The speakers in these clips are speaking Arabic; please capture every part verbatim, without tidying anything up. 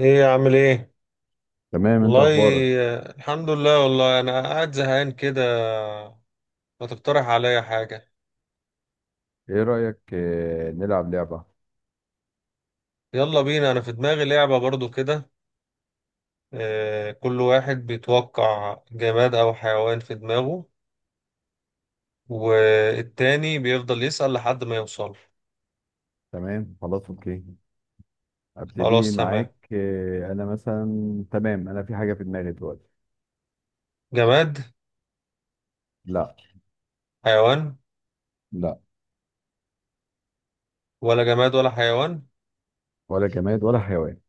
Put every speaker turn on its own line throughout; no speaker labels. ايه عامل ايه؟
تمام، انت
والله.
اخبارك؟
آه، الحمد لله، والله انا قاعد زهقان كده. ما تقترح عليا حاجة؟
ايه رأيك آه، نلعب لعبة؟
يلا بينا، انا في دماغي لعبة برضو كده. آه، كل واحد بيتوقع جماد او حيوان في دماغه، والتاني بيفضل يسأل لحد ما يوصل.
تمام، خلاص، اوكي. ابتدي
خلاص تمام.
معاك. آه، انا مثلا، تمام، انا في حاجة في دماغي دلوقتي.
جماد؟
لا.
حيوان؟
لا.
ولا جماد ولا حيوان؟
ولا جماد ولا حيوان.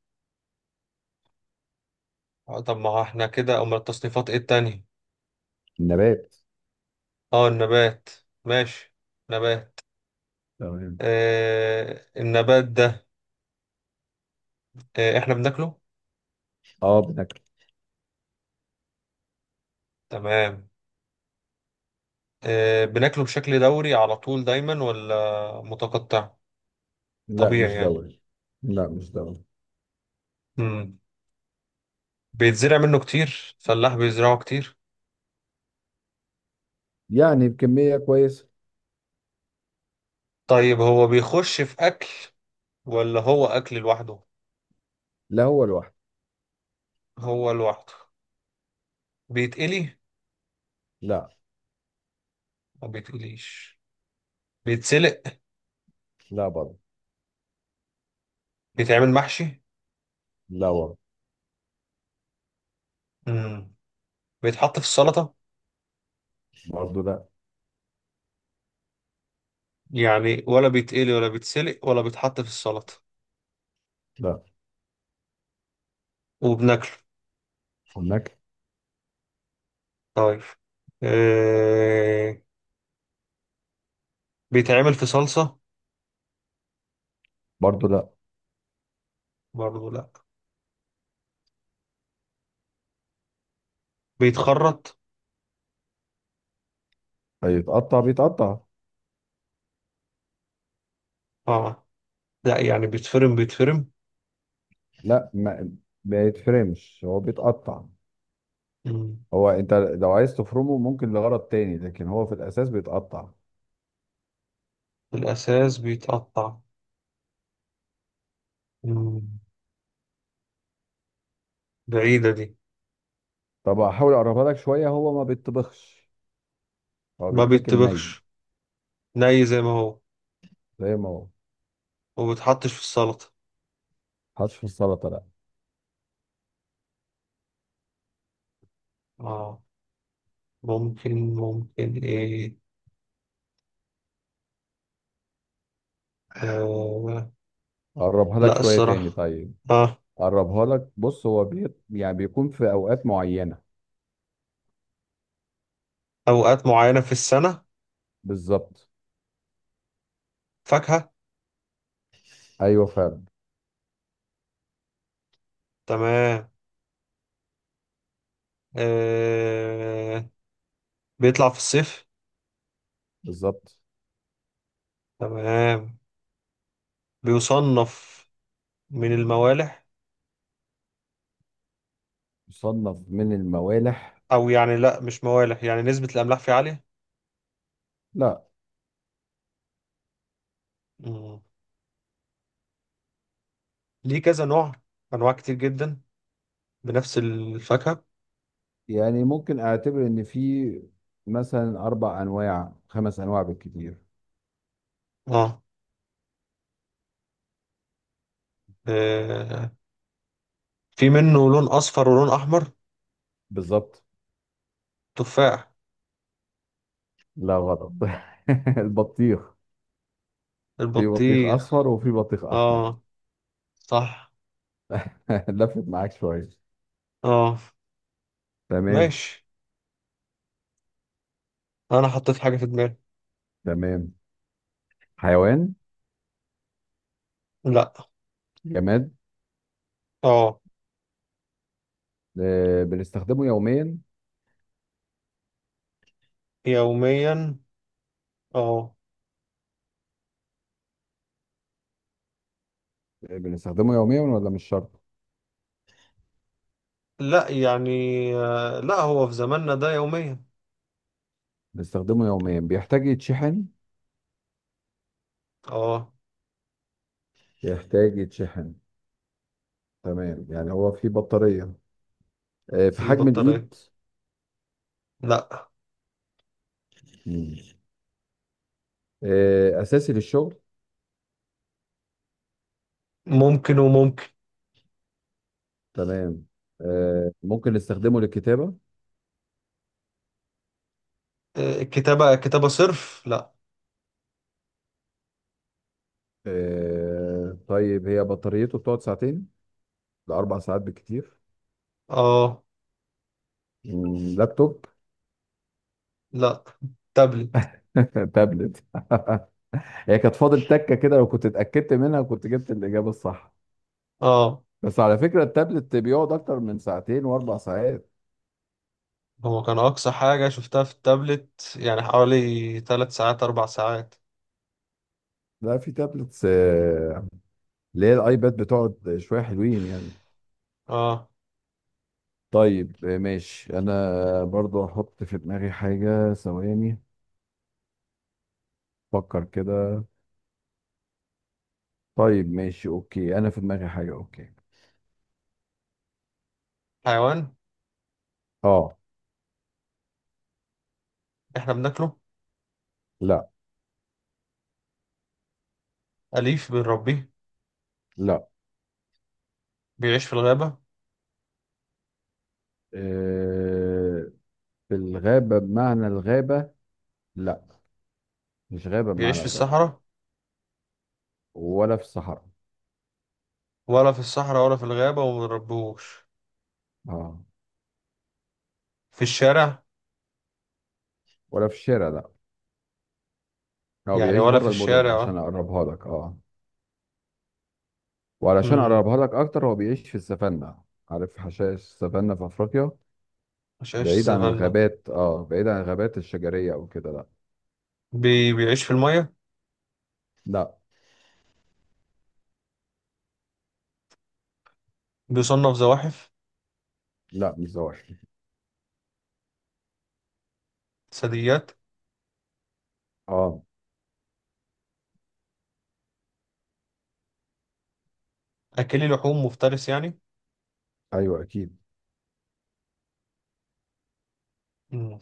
آه، طب ما احنا كده امال التصنيفات ايه التانية؟
نبات.
اه النبات. ماشي. نبات.
تمام.
آه النبات ده. آه احنا بناكله.
اه، بناكل.
تمام. آه، بناكله بشكل دوري على طول دايما ولا متقطع؟
لا،
طبيعي
مش
يعني.
دوري. لا، مش دوري.
مم. بيتزرع منه كتير، فلاح بيزرعه كتير.
يعني بكمية كويسة.
طيب هو بيخش في أكل ولا هو أكل لوحده؟
لا، هو لوحده.
هو لوحده. بيتقلي؟
لا.
ما بيتقليش. بيتسلق؟
لا برضه.
بيتعمل محشي؟
لا برضه.
مم. بيتحط في السلطة؟
برضه لا.
يعني ولا بيتقلي ولا بيتسلق ولا بيتحط في السلطة.
لا.
وبناكله.
هناك.
طيب. آه... بيتعمل في صلصة؟
برضه لا.
برضه لا. بيتخرط؟
هيتقطع، بيتقطع.
اه. لا يعني بيتفرم بيتفرم.
لا، ما ما يتفرمش، هو بيتقطع.
مم.
هو انت لو عايز تفرمه ممكن لغرض تاني، لكن هو في الاساس بيتقطع.
الأساس بيتقطع. مم. بعيدة دي.
طب احاول اقربها لك شويه، هو ما بيتطبخش. هو
ما
بيتاكل ني
بيتبخش. ني زي ما هو.
زي ما هو.
وما بيتحطش في السلطة.
حطش في السلطه لا.
اه. ممكن ممكن ايه. آه.
اقربها لك
لا
شويه تاني،
الصراحة.
طيب.
اه.
اقربها لك، بص، هو بي... يعني بيكون في اوقات معينه.
أوقات معينة في السنة.
بالظبط.
فاكهة.
ايوه فعلا.
تمام. آه. بيطلع في الصيف.
بالظبط.
تمام. بيصنف من الموالح.
يصنف من الموالح؟
أو يعني لا مش موالح، يعني نسبة الأملاح فيه عالية.
لا.
مم. ليه كذا نوع؟ انواع كتير جدا بنفس الفاكهه.
يعني ممكن اعتبر ان في مثلا اربع انواع، خمس انواع بالكتير.
اه. آه، في منه لون اصفر ولون احمر.
بالظبط.
تفاح؟
لا، غلط. البطيخ. في بطيخ
البطيخ.
اصفر وفي بطيخ احمر.
اه صح.
لفت معاك شويه.
اه.
تمام.
ماشي. انا حطيت حاجه في دماغي.
تمام. حيوان.
لا.
جماد.
اه.
آه، بنستخدمه يوميا.
يوميا. اه.
آه، بنستخدمه يوميا ولا مش شرط؟
لا يعني. آه، لا هو في زماننا ده يوميا.
بنستخدمه يوميا، بيحتاج يتشحن.
اه.
يحتاج يتشحن. تمام، يعني هو في بطارية. آه، في
في
حجم
بطاريه؟
الإيد.
لا.
مم. آه، أساسي للشغل.
ممكن وممكن.
تمام. آه، ممكن نستخدمه للكتابة.
آه، كتابه كتابه صرف لا.
آه، طيب، هي بطاريته بتقعد ساعتين لأربع ساعات بالكتير.
اه.
مم، لابتوب.
لا. تابلت.
تابلت. هي كانت فاضل تكه كده، لو كنت اتاكدت منها كنت جبت الاجابه الصح.
اه.
بس على فكره التابلت بيقعد اكتر من ساعتين واربع ساعات.
هو كان أقصى حاجة شفتها في التابلت يعني حوالي تلات ساعات أربع ساعات.
لا، في تابلتس آه، اللي هي الايباد بتقعد شويه حلوين يعني.
آه.
طيب، آه، ماشي، انا برضو هحط في دماغي حاجه ثواني. فكر كده. طيب ماشي اوكي، انا في دماغي حاجه. اوكي.
حيوان؟
اه.
إحنا بناكله؟
لا.
أليف بنربيه؟
لا.
بيعيش في الغابة؟
آه، في الغابه بمعنى الغابه، لا. مش غابه
بيعيش
بمعنى
في
الغابه.
الصحراء؟
ولا في الصحراء.
ولا في الصحراء ولا في الغابة ومنربيهوش.
اه.
في الشارع؟
ولا في الشارع لا. هو
يعني
بيعيش
ولا في
بره المدن
الشارع.
عشان
آه.
اقربها لك. اه. وعلشان
مم،
اقربها لك اكتر، هو بيعيش في السافانا. عارف حشائش السافانا في افريقيا؟
مش عايش في
بعيد عن
السافانا.
الغابات، اه، بعيد عن الغابات الشجريه او كده، لا.
بي... بيعيش في المية؟
لا.
بيصنف زواحف؟
لا، مش زواحف.
ثدييات؟
اه.
أكلي لحوم مفترس يعني.
ايوه اكيد.
مم.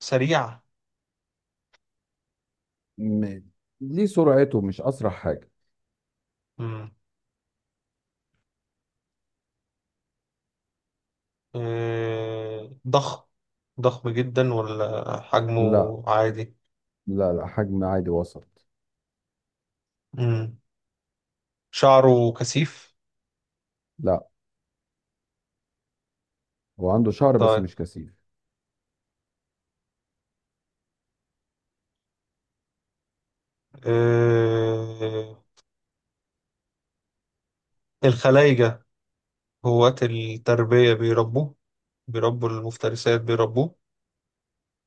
سريع؟
م... ليه سرعته مش اسرع حاجه.
مم. آه، ضخم. ضخم جدا ولا حجمه
لا.
عادي؟
لا، لا، حجم عادي وسط.
مم. شعره كثيف؟
لا، هو عنده شعر بس
طيب.
مش كثيف.
آه، الخلايجة هواة التربية بيربوه. بيربوا المفترسات بيربوه.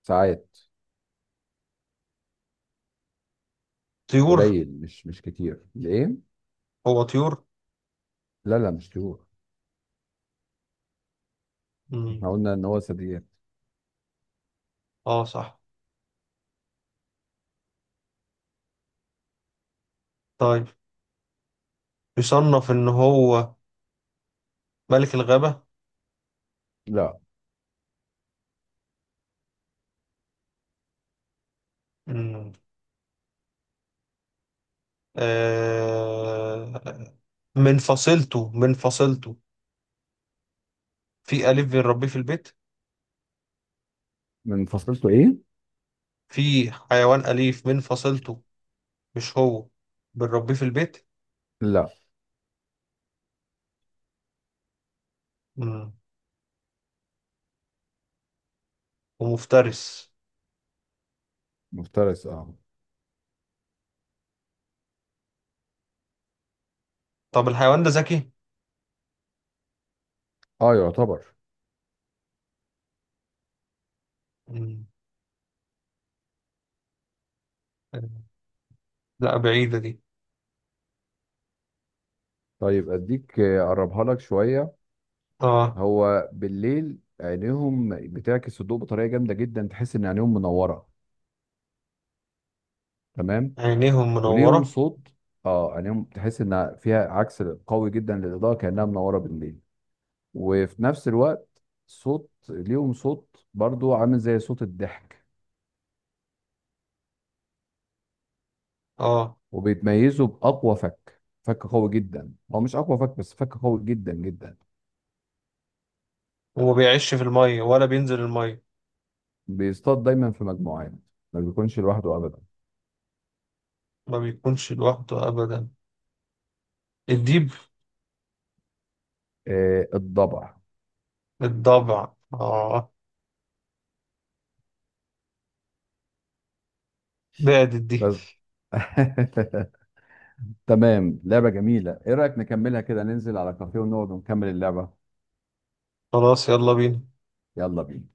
ساعات.
طيور؟
قليل، مش مش كتير ليه.
هو طيور؟
لا. لا، مش طيور.
مم.
احنا قلنا ان هو ثدييات.
اه صح. طيب. يصنف إن هو ملك الغابة؟
لا.
مم. آه، من فصيلته من فصيلته في أليف بنربيه في البيت.
من فصيلته ايه؟
في حيوان أليف من فصيلته مش هو بنربيه في البيت.
لا.
مم. ومفترس.
مفترس، اه.
طب الحيوان ده ذكي؟
اه يعتبر.
مم. لا بعيدة دي.
طيب اديك، آه، اقربها لك شويه.
اه.
هو بالليل عينيهم بتعكس الضوء بطريقه جامده جدا، تحس ان عينيهم منوره. تمام.
عينيهم
وليهم
منورة.
صوت. اه، عينيهم تحس ان فيها عكس قوي جدا للاضاءه كانها منوره بالليل. وفي نفس الوقت صوت، ليهم صوت برضو عامل زي صوت الضحك.
اه.
وبيتميزوا باقوى فك، فك قوي جدا، هو مش اقوى فك بس فك قوي جدا جدا.
وما بيعيش في المية ولا بينزل المية.
بيصطاد دايما في مجموعات، ما بيكونش لوحده ابدا.
ما بيكونش لوحده أبدا. الديب؟
آه الضبع.
الضبع. اه. بعدت دي.
بس. تمام، لعبة جميلة. ايه رأيك نكملها كده، ننزل على كافيه ونقعد ونكمل اللعبة؟
خلاص يلا بينا.
يلا بينا.